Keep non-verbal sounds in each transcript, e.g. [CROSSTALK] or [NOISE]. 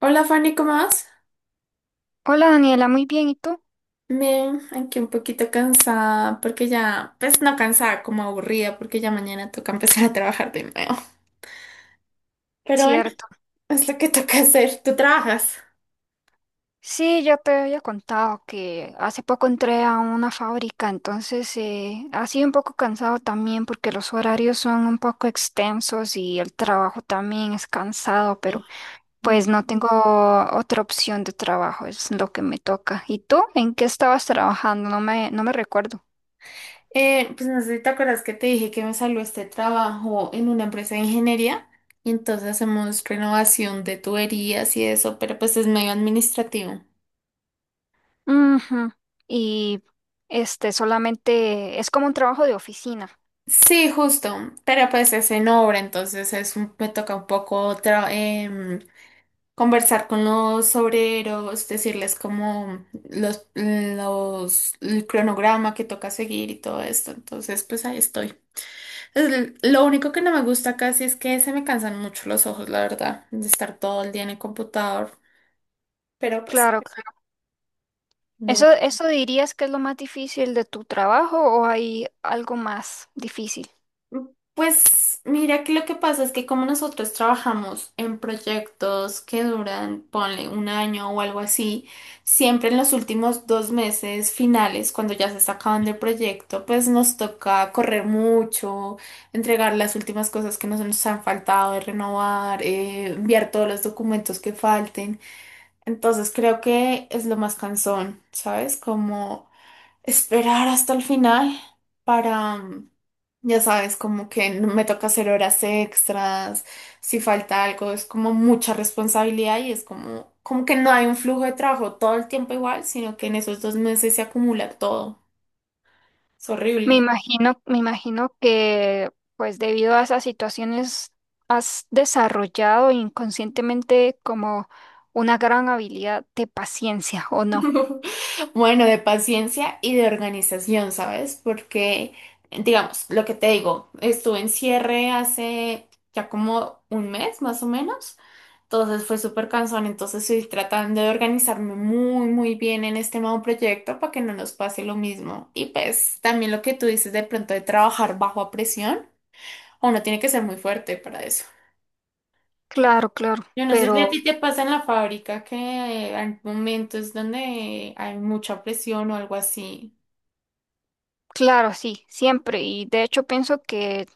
Hola Fanny, ¿cómo vas? Hola Daniela, muy bien, ¿y tú? Bien, aquí un poquito cansada porque ya, pues no cansada, como aburrida porque ya mañana toca empezar a trabajar de nuevo. Pero bueno, Cierto. es lo que toca hacer. ¿Tú trabajas? Sí, yo te había contado que hace poco entré a una fábrica, entonces ha sido un poco cansado también porque los horarios son un poco extensos y el trabajo también es cansado, pero No. pues no tengo otra opción de trabajo, es lo que me toca. ¿Y tú? ¿En qué estabas trabajando? No me recuerdo. Pues no sé si te acuerdas que te dije que me salió este trabajo en una empresa de ingeniería y entonces hacemos renovación de tuberías y eso, pero pues es medio administrativo. Ujú. Y este solamente es como un trabajo de oficina. Sí, justo, pero pues es en obra, entonces me toca un poco conversar con los obreros, decirles como el cronograma que toca seguir y todo esto. Entonces, pues ahí estoy. Lo único que no me gusta casi es que se me cansan mucho los ojos, la verdad, de estar todo el día en el computador. Pero pues, Claro. bueno. Eso dirías que es lo más difícil de tu trabajo o hay algo más difícil? Pues mira que lo que pasa es que como nosotros trabajamos en proyectos que duran, ponle un año o algo así, siempre en los últimos dos meses finales, cuando ya se está acabando el proyecto, pues nos toca correr mucho, entregar las últimas cosas que nos han faltado de renovar, enviar todos los documentos que falten. Entonces creo que es lo más cansón, ¿sabes? Como esperar hasta el final para, ya sabes, como que me toca hacer horas extras, si falta algo, es como mucha responsabilidad y es como, como que no hay un flujo de trabajo todo el tiempo igual, sino que en esos dos meses se acumula todo. Es horrible. Me imagino que pues debido a esas situaciones has desarrollado inconscientemente como una gran habilidad de paciencia, ¿o no? [LAUGHS] Bueno, de paciencia y de organización, ¿sabes? Porque, digamos, lo que te digo, estuve en cierre hace ya como un mes más o menos. Entonces fue súper cansón, entonces estoy tratando de organizarme muy, muy bien en este nuevo proyecto para que no nos pase lo mismo. Y pues también lo que tú dices de pronto de trabajar bajo presión, uno tiene que ser muy fuerte para eso. Claro, claro, Yo no sé si a ti pero te pasa en la fábrica que hay momentos donde hay mucha presión o algo así. claro, sí, siempre. Y de hecho pienso que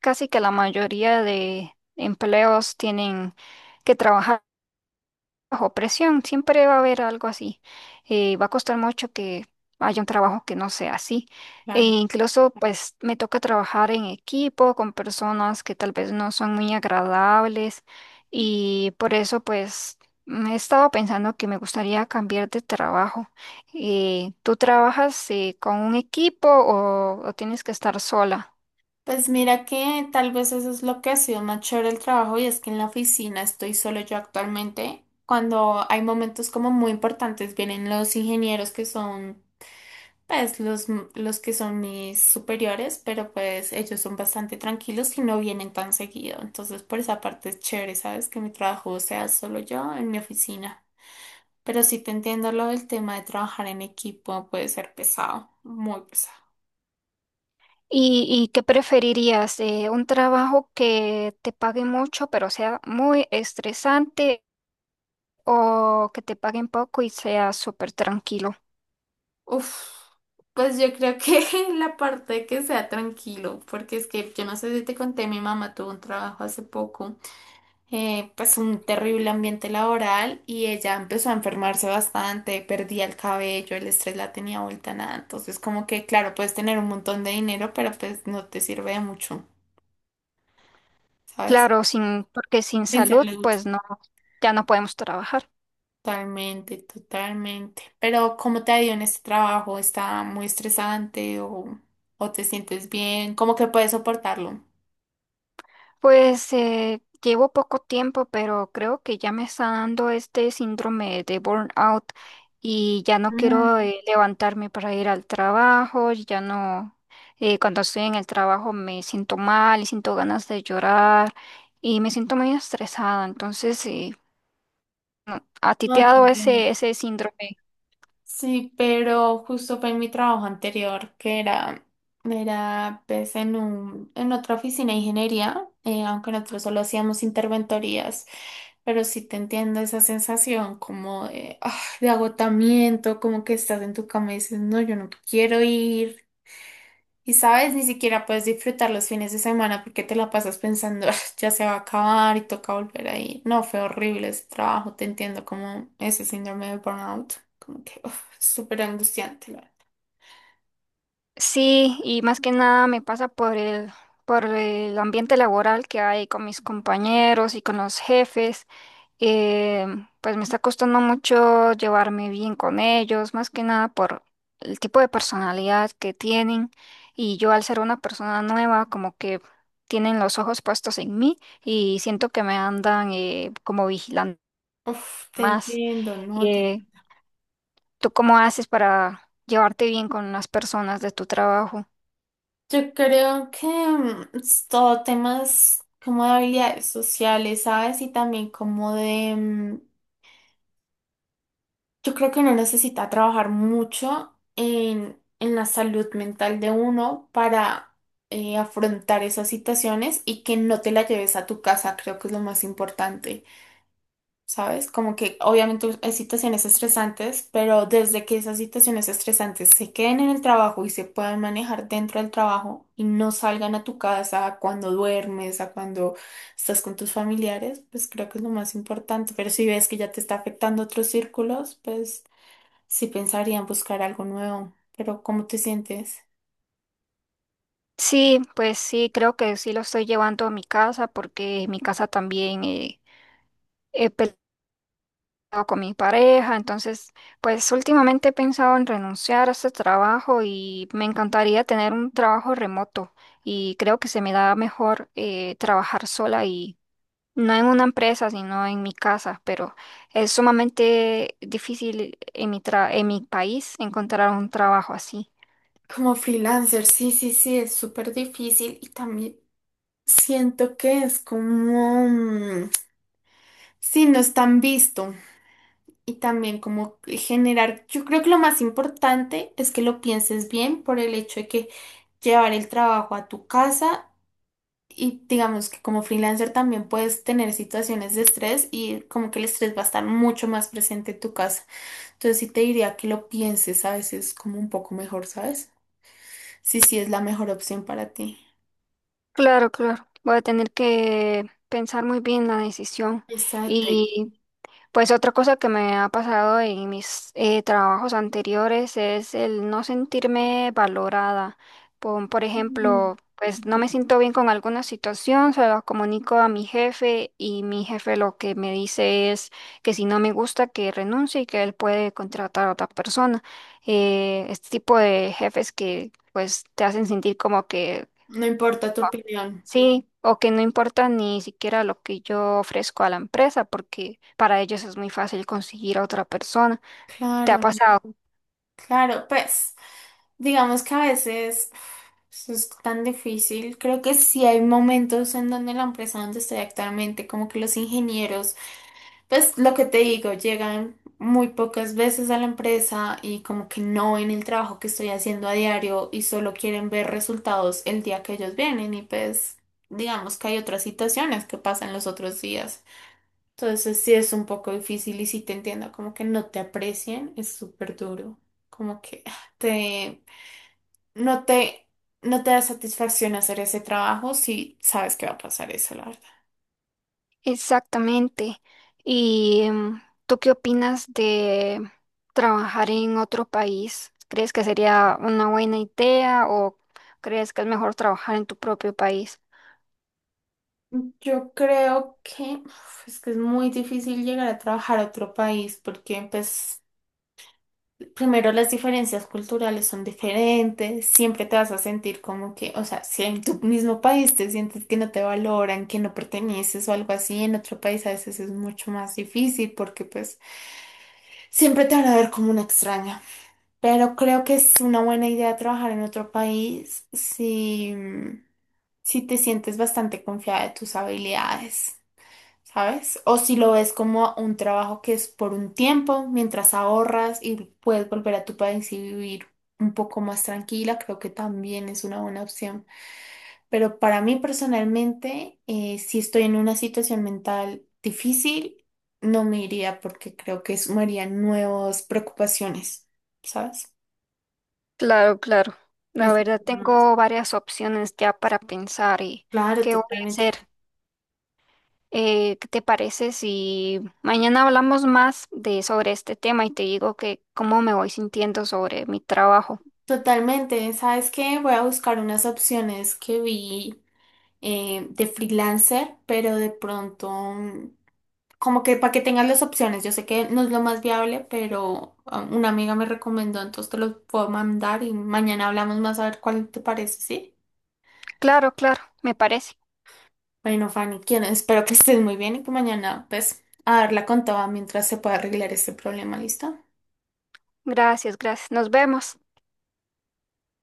casi que la mayoría de empleos tienen que trabajar bajo presión, siempre va a haber algo así. Va a costar mucho que haya un trabajo que no sea así. E Claro. incluso, pues, me toca trabajar en equipo con personas que tal vez no son muy agradables y por eso, pues, he estado pensando que me gustaría cambiar de trabajo. ¿Tú trabajas con un equipo o tienes que estar sola? Pues mira que tal vez eso es lo que ha sido más chévere el trabajo y es que en la oficina estoy solo yo actualmente. Cuando hay momentos como muy importantes vienen los ingenieros que son pues los que son mis superiores, pero pues ellos son bastante tranquilos y no vienen tan seguido. Entonces por esa parte es chévere, ¿sabes? Que mi trabajo sea solo yo en mi oficina. Pero sí te entiendo lo del tema de trabajar en equipo, puede ser pesado, muy pesado. Y qué preferirías? ¿Un trabajo que te pague mucho pero sea muy estresante o que te paguen poco y seas súper tranquilo? Uf, pues yo creo que [LAUGHS] la parte de que sea tranquilo, porque es que yo no sé si te conté, mi mamá tuvo un trabajo hace poco, pues un terrible ambiente laboral y ella empezó a enfermarse bastante, perdía el cabello, el estrés la tenía vuelta a nada, entonces como que claro, puedes tener un montón de dinero, pero pues no te sirve de mucho, ¿sabes? Claro, sin, porque sin Sin salud, salud. pues no, ya no podemos trabajar. Totalmente, totalmente. Pero ¿cómo te ha ido en este trabajo? ¿Está muy estresante o te sientes bien? ¿Cómo que puedes soportarlo? Pues llevo poco tiempo, pero creo que ya me está dando este síndrome de burnout y ya no Mm. quiero levantarme para ir al trabajo, ya no, cuando estoy en el trabajo me siento mal y siento ganas de llorar y me siento muy estresada. Entonces, no, ¿a ti te No ha te dado entiendo. Ese síndrome? Sí, pero justo fue en mi trabajo anterior, era pues en en otra oficina de ingeniería, aunque nosotros solo hacíamos interventorías, pero sí te entiendo esa sensación como de, ah, de agotamiento, como que estás en tu cama y dices, no, yo no quiero ir. Y sabes, ni siquiera puedes disfrutar los fines de semana porque te la pasas pensando, "Ah, ya se va a acabar y toca volver ahí". No, fue horrible ese trabajo, te entiendo como ese síndrome de burnout, como que uf, es súper angustiante, la verdad. Sí, y más que nada me pasa por por el ambiente laboral que hay con mis compañeros y con los jefes. Eh, pues me está costando mucho llevarme bien con ellos, más que nada por el tipo de personalidad que tienen. Y yo al ser una persona nueva, como que tienen los ojos puestos en mí y siento que me andan como vigilando Uf, te más. entiendo, no, te Eh, entiendo. ¿Tú cómo haces para llevarte bien con las personas de tu trabajo? Yo creo que es todo temas como de habilidades sociales, ¿sabes? Y también como de, yo creo que uno necesita trabajar mucho en la salud mental de uno para afrontar esas situaciones y que no te la lleves a tu casa, creo que es lo más importante, ¿sabes? Como que obviamente hay situaciones estresantes, pero desde que esas situaciones estresantes se queden en el trabajo y se puedan manejar dentro del trabajo y no salgan a tu casa a cuando duermes, a cuando estás con tus familiares, pues creo que es lo más importante. Pero si ves que ya te está afectando otros círculos, pues... Sí pensaría en buscar algo nuevo, pero ¿cómo te sientes? Sí, pues sí, creo que sí lo estoy llevando a mi casa porque en mi casa también he peleado con mi pareja, entonces pues últimamente he pensado en renunciar a este trabajo y me encantaría tener un trabajo remoto y creo que se me da mejor trabajar sola y no en una empresa, sino en mi casa, pero es sumamente difícil en en mi país encontrar un trabajo así. Como freelancer, sí, sí, sí, es súper difícil y también siento que es como, sí, no es tan visto y también como generar, yo creo que lo más importante es que lo pienses bien por el hecho de que llevar el trabajo a tu casa y digamos que como freelancer también puedes tener situaciones de estrés y como que el estrés va a estar mucho más presente en tu casa. Entonces sí te diría que lo pienses a veces como un poco mejor, ¿sabes? Sí, sí es la mejor opción para ti. Claro, claro. Voy a tener que pensar muy bien la decisión. Exacto. Y pues otra cosa que me ha pasado en mis trabajos anteriores es el no sentirme valorada. Por Mm, ejemplo, pues ok. no me siento bien con alguna situación, se lo comunico a mi jefe y mi jefe lo que me dice es que si no me gusta que renuncie y que él puede contratar a otra persona. Este tipo de jefes que pues te hacen sentir como que... No importa tu opinión. Sí, o que no importa ni siquiera lo que yo ofrezco a la empresa, porque para ellos es muy fácil conseguir a otra persona. ¿Te ha Claro, pasado? claro. Pues digamos que a veces eso es tan difícil. Creo que sí hay momentos en donde la empresa donde estoy actualmente, como que los ingenieros pues lo que te digo, llegan muy pocas veces a la empresa y como que no ven el trabajo que estoy haciendo a diario y solo quieren ver resultados el día que ellos vienen y pues digamos que hay otras situaciones que pasan los otros días. Entonces sí es un poco difícil y sí te entiendo, como que no te aprecien, es súper duro, como que ah, no no te da satisfacción hacer ese trabajo si sabes que va a pasar eso, la verdad. Exactamente. ¿Y tú qué opinas de trabajar en otro país? ¿Crees que sería una buena idea o crees que es mejor trabajar en tu propio país? Yo creo que uf, es que es muy difícil llegar a trabajar a otro país porque, pues, primero las diferencias culturales son diferentes, siempre te vas a sentir como que, o sea, si en tu mismo país te sientes que no te valoran, que no perteneces o algo así, en otro país a veces es mucho más difícil porque, pues, siempre te van a ver como una extraña. Pero creo que es una buena idea trabajar en otro país si, si te sientes bastante confiada de tus habilidades. ¿Sabes? O si lo ves como un trabajo que es por un tiempo, mientras ahorras y puedes volver a tu país y vivir un poco más tranquila, creo que también es una buena opción. Pero para mí personalmente, si estoy en una situación mental difícil, no me iría porque creo que sumaría nuevas preocupaciones, ¿sabes? Claro, claro. No La sé verdad, cómo ves. tengo varias opciones ya para pensar y Claro, qué voy a totalmente. hacer. ¿Qué te parece si mañana hablamos más de sobre este tema y te digo que cómo me voy sintiendo sobre mi trabajo? Totalmente. ¿Sabes qué? Voy a buscar unas opciones que vi de freelancer, pero de pronto, como que para que tengas las opciones, yo sé que no es lo más viable, pero ah, una amiga me recomendó, entonces te los puedo mandar y mañana hablamos más a ver cuál te parece, ¿sí? Claro, claro, me parece. Bueno, Fanny, quiero, espero que estés muy bien y que mañana, pues, a darla con toda mientras se pueda arreglar este problema, ¿listo? Gracias, gracias. Nos vemos.